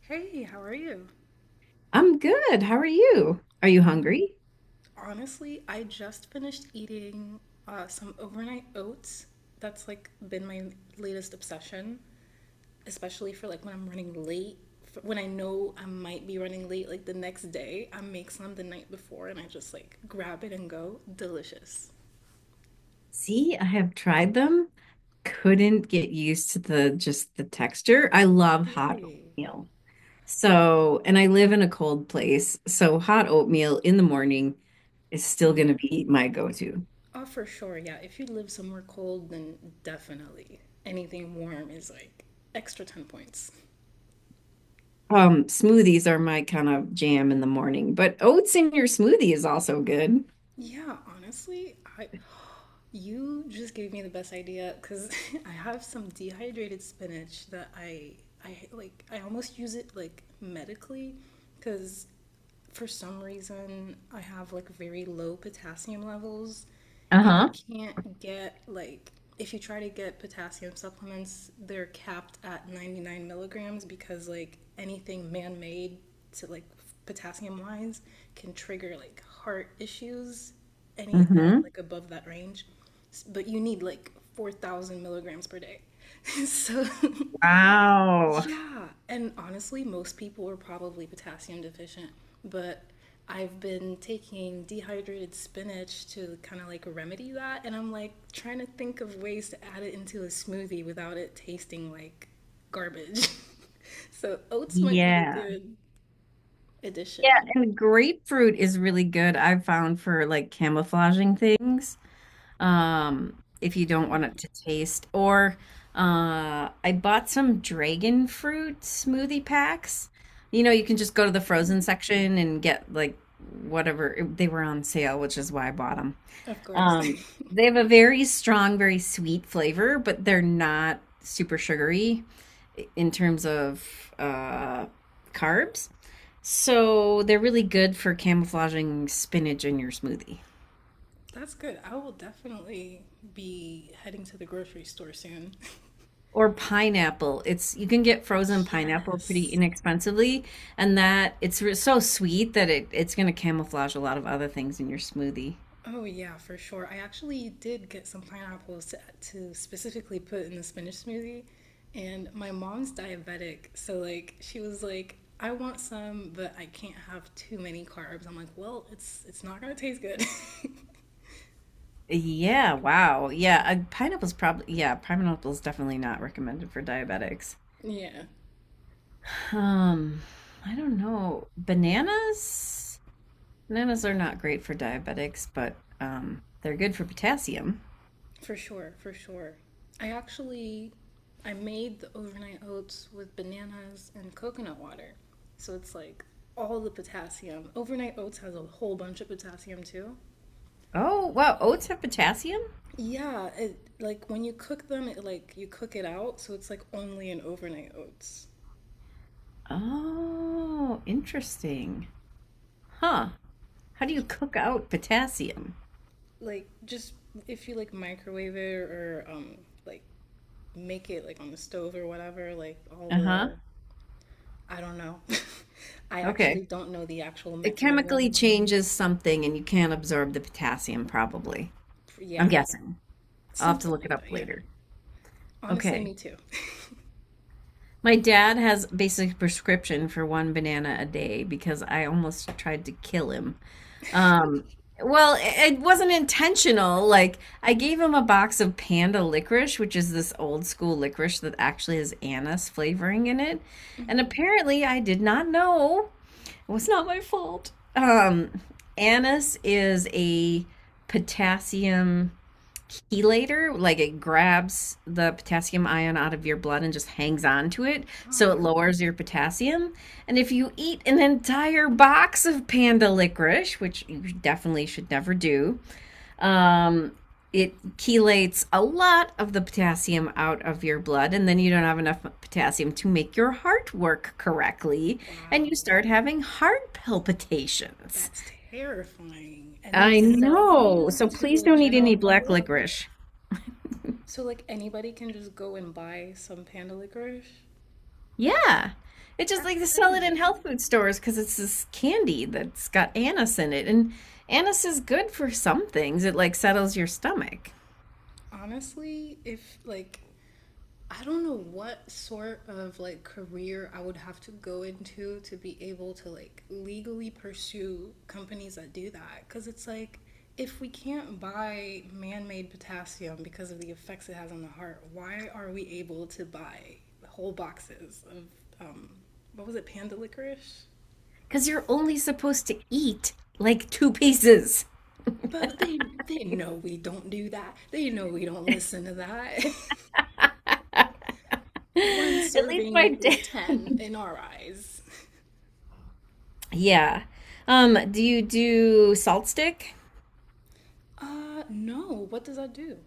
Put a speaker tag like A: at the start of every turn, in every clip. A: Hey, how are you?
B: I'm good. How are you? Are you
A: Um,
B: hungry?
A: Honestly, I just finished eating some overnight oats. That's like been my latest obsession, especially for like when I'm running late. When I know I might be running late, like the next day, I make some the night before and I just like grab it and go. Delicious.
B: See, I have tried them. Couldn't get used to the just the texture. I love hot
A: Really?
B: oatmeal. So, and I live in a cold place, so hot oatmeal in the morning is still going to
A: Yeah.
B: be my go-to.
A: Oh, for sure. Yeah. If you live somewhere cold, then definitely anything warm is like extra 10 points.
B: Smoothies are my kind of jam in the morning, but oats in your smoothie is also good.
A: Yeah, honestly, I you just gave me the best idea because I have some dehydrated spinach that I like I almost use it like medically because for some reason I have like very low potassium levels, and you
B: Uh-huh.
A: can't get like if you try to get potassium supplements, they're capped at 99 milligrams because like anything man-made to like potassium wise can trigger like heart issues any at
B: Hmm.
A: like above that range, but you need like 4,000 milligrams per day. So,
B: Wow.
A: yeah. And honestly, most people are probably potassium deficient, but I've been taking dehydrated spinach to kind of like remedy that. And I'm like trying to think of ways to add it into a smoothie without it tasting like garbage. So, oats might be a
B: Yeah.
A: good
B: Yeah,
A: addition.
B: and grapefruit is really good, I've found, for like camouflaging things. um, if you don't want
A: Mm,
B: it to taste. Or I bought some dragon fruit smoothie packs. You know, you can just go to the frozen section and get like whatever they were on sale, which is why I bought them.
A: of course.
B: Um, they have a very strong, very sweet flavor, but they're not super sugary in terms of carbs. So they're really good for camouflaging spinach in your smoothie.
A: That's good. I will definitely be heading to the grocery store soon.
B: Or pineapple. It's You can get frozen pineapple pretty
A: Yes.
B: inexpensively, and that it's so sweet that it's going to camouflage a lot of other things in your smoothie.
A: Oh yeah, for sure. I actually did get some pineapples to specifically put in the spinach smoothie, and my mom's diabetic, so like she was like, "I want some, but I can't have too many carbs." I'm like, "Well, it's not gonna taste good."
B: Yeah, wow. Yeah, pineapple's definitely not recommended for diabetics.
A: Yeah.
B: Um, I don't know. Bananas? Bananas are not great for diabetics, but they're good for potassium.
A: For sure, for sure. I actually I made the overnight oats with bananas and coconut water. So it's like all the potassium. Overnight oats has a whole bunch of potassium too.
B: Oh, wow, oats have potassium?
A: Yeah, it like when you cook them, it like you cook it out, so it's like only in overnight oats.
B: Oh, interesting. Huh. How do you cook out potassium?
A: Like just if you like microwave it or like make it like on the stove or whatever, like all
B: Uh huh.
A: the I don't know. I actually
B: Okay.
A: don't know the actual
B: It chemically
A: mechanism.
B: changes something and you can't absorb the potassium, probably. I'm
A: Yeah.
B: guessing. I'll have to
A: Something
B: look it
A: like
B: up
A: that, yeah.
B: later.
A: Honestly, me
B: Okay.
A: too.
B: My dad has basic prescription for one banana a day because I almost tried to kill him. Um, well, it wasn't intentional. Like, I gave him a box of panda licorice, which is this old school licorice that actually has anise flavoring in it. And
A: Mhm.
B: apparently, I did not know. It was not my fault. Anise is a potassium chelator. Like, it grabs the potassium ion out of your blood and just hangs on to it. So it
A: Oh,
B: lowers your potassium. And if you eat an entire box of panda licorice, which you definitely should never do, um, it chelates a lot of the potassium out of your blood, and then you don't have enough potassium to make your heart work correctly, and
A: wow.
B: you start having heart palpitations.
A: That's terrifying. And they
B: I
A: sell
B: know.
A: these
B: So
A: to
B: please
A: the
B: don't eat
A: general
B: any black
A: public?
B: licorice.
A: So, like, anybody can just go and buy some panda licorice?
B: Yeah. It's just
A: That's
B: like they sell it in
A: crazy.
B: health food stores because it's this candy that's got anise in it. And anise is good for some things. It like settles your stomach
A: Honestly, if, like, I don't know what sort of like career I would have to go into to be able to like legally pursue companies that do that cuz it's like if we can't buy man-made potassium because of the effects it has on the heart, why are we able to buy whole boxes of um what was it panda licorice?
B: because you're only supposed to eat like two pieces.
A: But they know we don't do that. They know we don't listen to that.
B: At
A: One
B: least
A: serving
B: my
A: equals
B: dad.
A: 10 in our eyes.
B: Yeah. Do you do salt stick?
A: No. What does that do?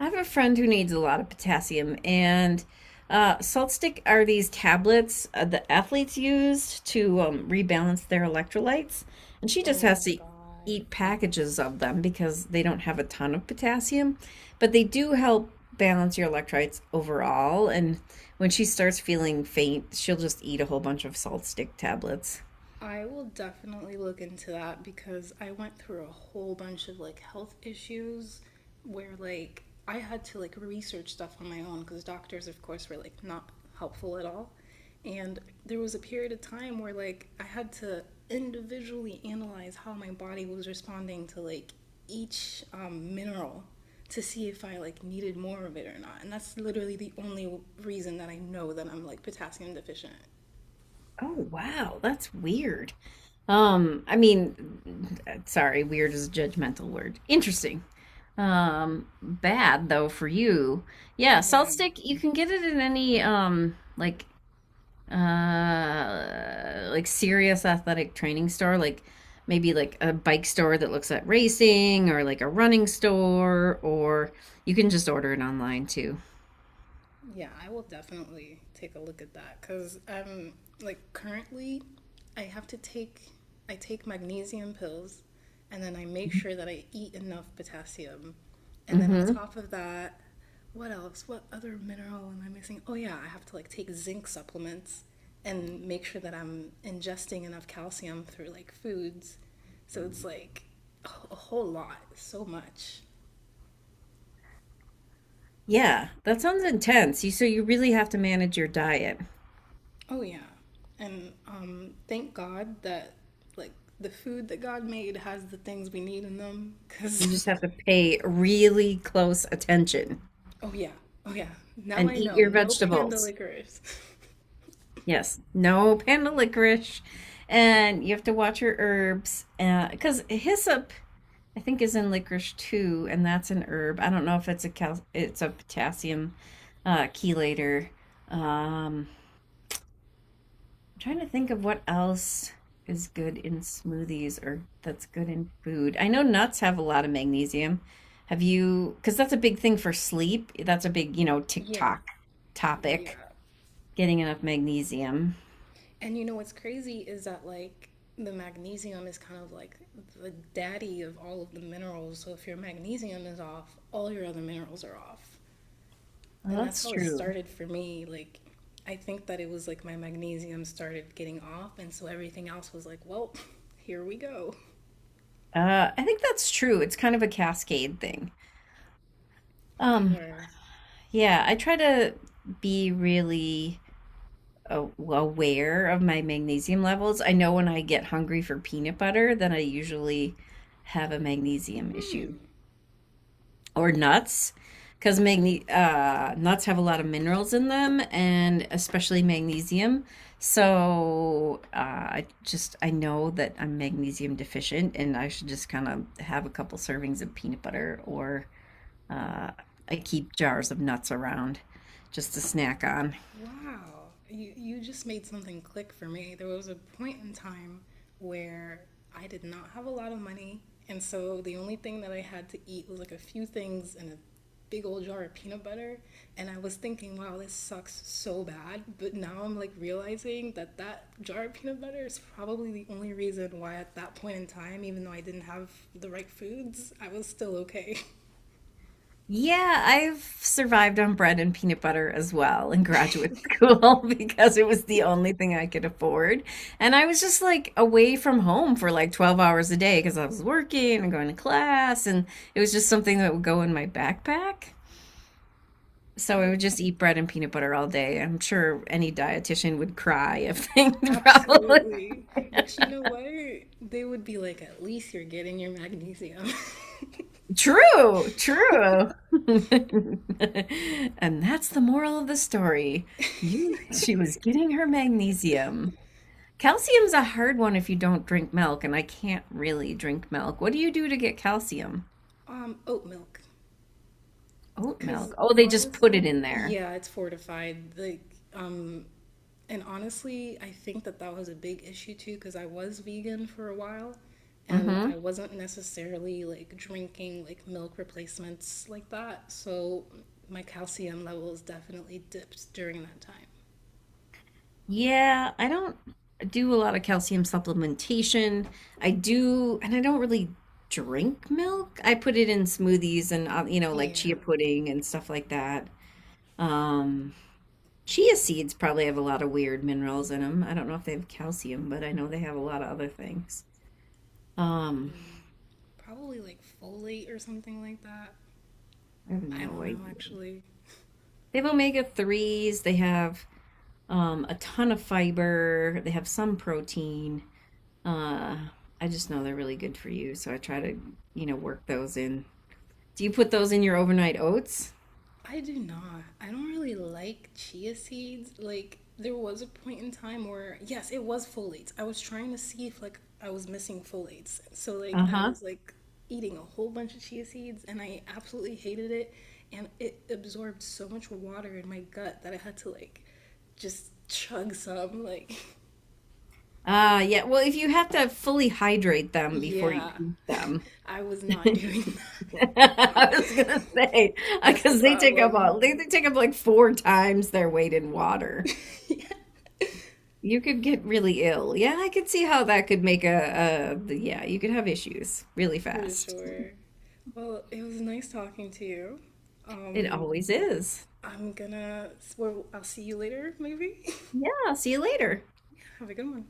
B: I have a friend who needs a lot of potassium, and salt stick are these tablets the athletes use to rebalance their electrolytes. And she just
A: Oh
B: has
A: my
B: to
A: God.
B: eat packages of them because they don't have a ton of potassium, but they do help balance your electrolytes overall. And when she starts feeling faint, she'll just eat a whole bunch of salt stick tablets.
A: I will definitely look into that because I went through a whole bunch of like health issues where like I had to like research stuff on my own because doctors, of course, were like not helpful at all. And there was a period of time where like I had to individually analyze how my body was responding to like each mineral to see if I like needed more of it or not. And that's literally the only reason that I know that I'm like potassium deficient.
B: Oh wow, that's weird. I mean, sorry, weird is a judgmental word. Interesting. Bad though for you. Yeah,
A: Oh,
B: salt
A: yeah.
B: stick. You can get it in any like serious athletic training store, like maybe like a bike store that looks at racing, or like a running store, or you can just order it online too.
A: Yeah, I will definitely take a look at that because I'm like currently, I have to take I take magnesium pills, and then I make sure that I eat enough potassium, and then on
B: Mm-hmm.
A: top of that, what else? What other mineral am I missing? Oh yeah, I have to like take zinc supplements and make sure that I'm ingesting enough calcium through like foods. So it's like a whole lot, so much.
B: Yeah, that sounds intense. You so you really have to manage your diet.
A: Oh yeah. And thank God that like the food that God made has the things we need in them cuz
B: You just have to pay really close attention
A: oh yeah. Oh yeah. Now
B: and
A: I
B: eat
A: know.
B: your
A: No panda
B: vegetables.
A: licorice.
B: Yes, no panda licorice. And you have to watch your herbs. Because hyssop, I think, is in licorice too, and that's an herb. I don't know if it's a potassium chelator. Um, I'm trying to think of what else is good in smoothies or that's good in food. I know nuts have a lot of magnesium. Have you, because that's a big thing for sleep. That's a big
A: Yeah.
B: TikTok topic,
A: Yeah.
B: getting enough magnesium.
A: And you know what's crazy is that like the magnesium is kind of like the daddy of all of the minerals. So if your magnesium is off, all your other minerals are off. And
B: Well,
A: that's
B: that's
A: how it
B: true.
A: started for me. Like, I think that it was like my magnesium started getting off, and so everything else was like, well, here we go,
B: I think that's true. It's kind of a cascade thing.
A: for
B: Um,
A: sure.
B: yeah, I try to be really aware of my magnesium levels. I know when I get hungry for peanut butter, then I usually have a magnesium issue.
A: Hmm.
B: Or nuts, because nuts have a lot of minerals in them, and especially magnesium. So, I know that I'm magnesium deficient and I should just kind of have a couple servings of peanut butter. Or uh, I keep jars of nuts around just to snack on.
A: Wow, you just made something click for me. There was a point in time where I did not have a lot of money, and so the only thing that I had to eat was like a few things and a big old jar of peanut butter. And I was thinking, wow, this sucks so bad. But now I'm like realizing that that jar of peanut butter is probably the only reason why at that point in time, even though I didn't have the right foods, I was still okay.
B: Yeah, I've survived on bread and peanut butter as well in graduate school because it was the only thing I could afford. And I was just like away from home for like 12 hours a day because I was working and going to class, and it was just something that would go in my backpack. So I
A: Oh,
B: would just eat bread and peanut butter all day. I'm sure any dietitian would cry if they probably.
A: absolutely. But you know what? They would be like, at least you're getting your magnesium.
B: True, true. And that's the moral of the story. She was getting her magnesium. Calcium's a hard one if you don't drink milk, and I can't really drink milk. What do you do to get calcium?
A: Oat milk.
B: Oat
A: Because
B: milk. Oh, they just put it
A: honestly,
B: in there.
A: yeah, it's fortified. Like, um, and honestly, I think that that was a big issue too, because I was vegan for a while and
B: Mm-hmm.
A: I wasn't necessarily like drinking like milk replacements like that. So my calcium levels definitely dipped during that time.
B: Yeah, I don't do a lot of calcium supplementation. I do, and I don't really drink milk. I put it in smoothies and, like
A: Yeah.
B: chia pudding and stuff like that. Um, Chia seeds probably have a lot of weird minerals in them. I don't know if they have calcium, but I know they have a lot of other things. Um,
A: Yeah. Probably like folate or something like that.
B: I have
A: I
B: no
A: don't know
B: idea.
A: actually.
B: They have omega omega-3s, they have a ton of fiber, they have some protein. Uh, I just know they're really good for you, so I try to, work those in. Do you put those in your overnight oats?
A: I do not. I don't really like chia seeds. Like there was a point in time where yes, it was folates. I was trying to see if like I was missing folates. So like I
B: Uh-huh.
A: was like eating a whole bunch of chia seeds and I absolutely hated it and it absorbed so much water in my gut that I had to like just chug some like
B: Yeah. Well, if you have to fully hydrate them before you
A: yeah.
B: eat them,
A: I was not doing that.
B: I was gonna say
A: That's the
B: because they take up
A: problem,
B: all they, they take up like 4 times their weight in water. You could get really ill. Yeah, I could see how that could make you could have issues really
A: for
B: fast.
A: sure. Well, it was nice talking to you.
B: It
A: Um,
B: always is.
A: I'm gonna, well, I'll see you later, maybe.
B: Yeah, see you later.
A: Have a good one.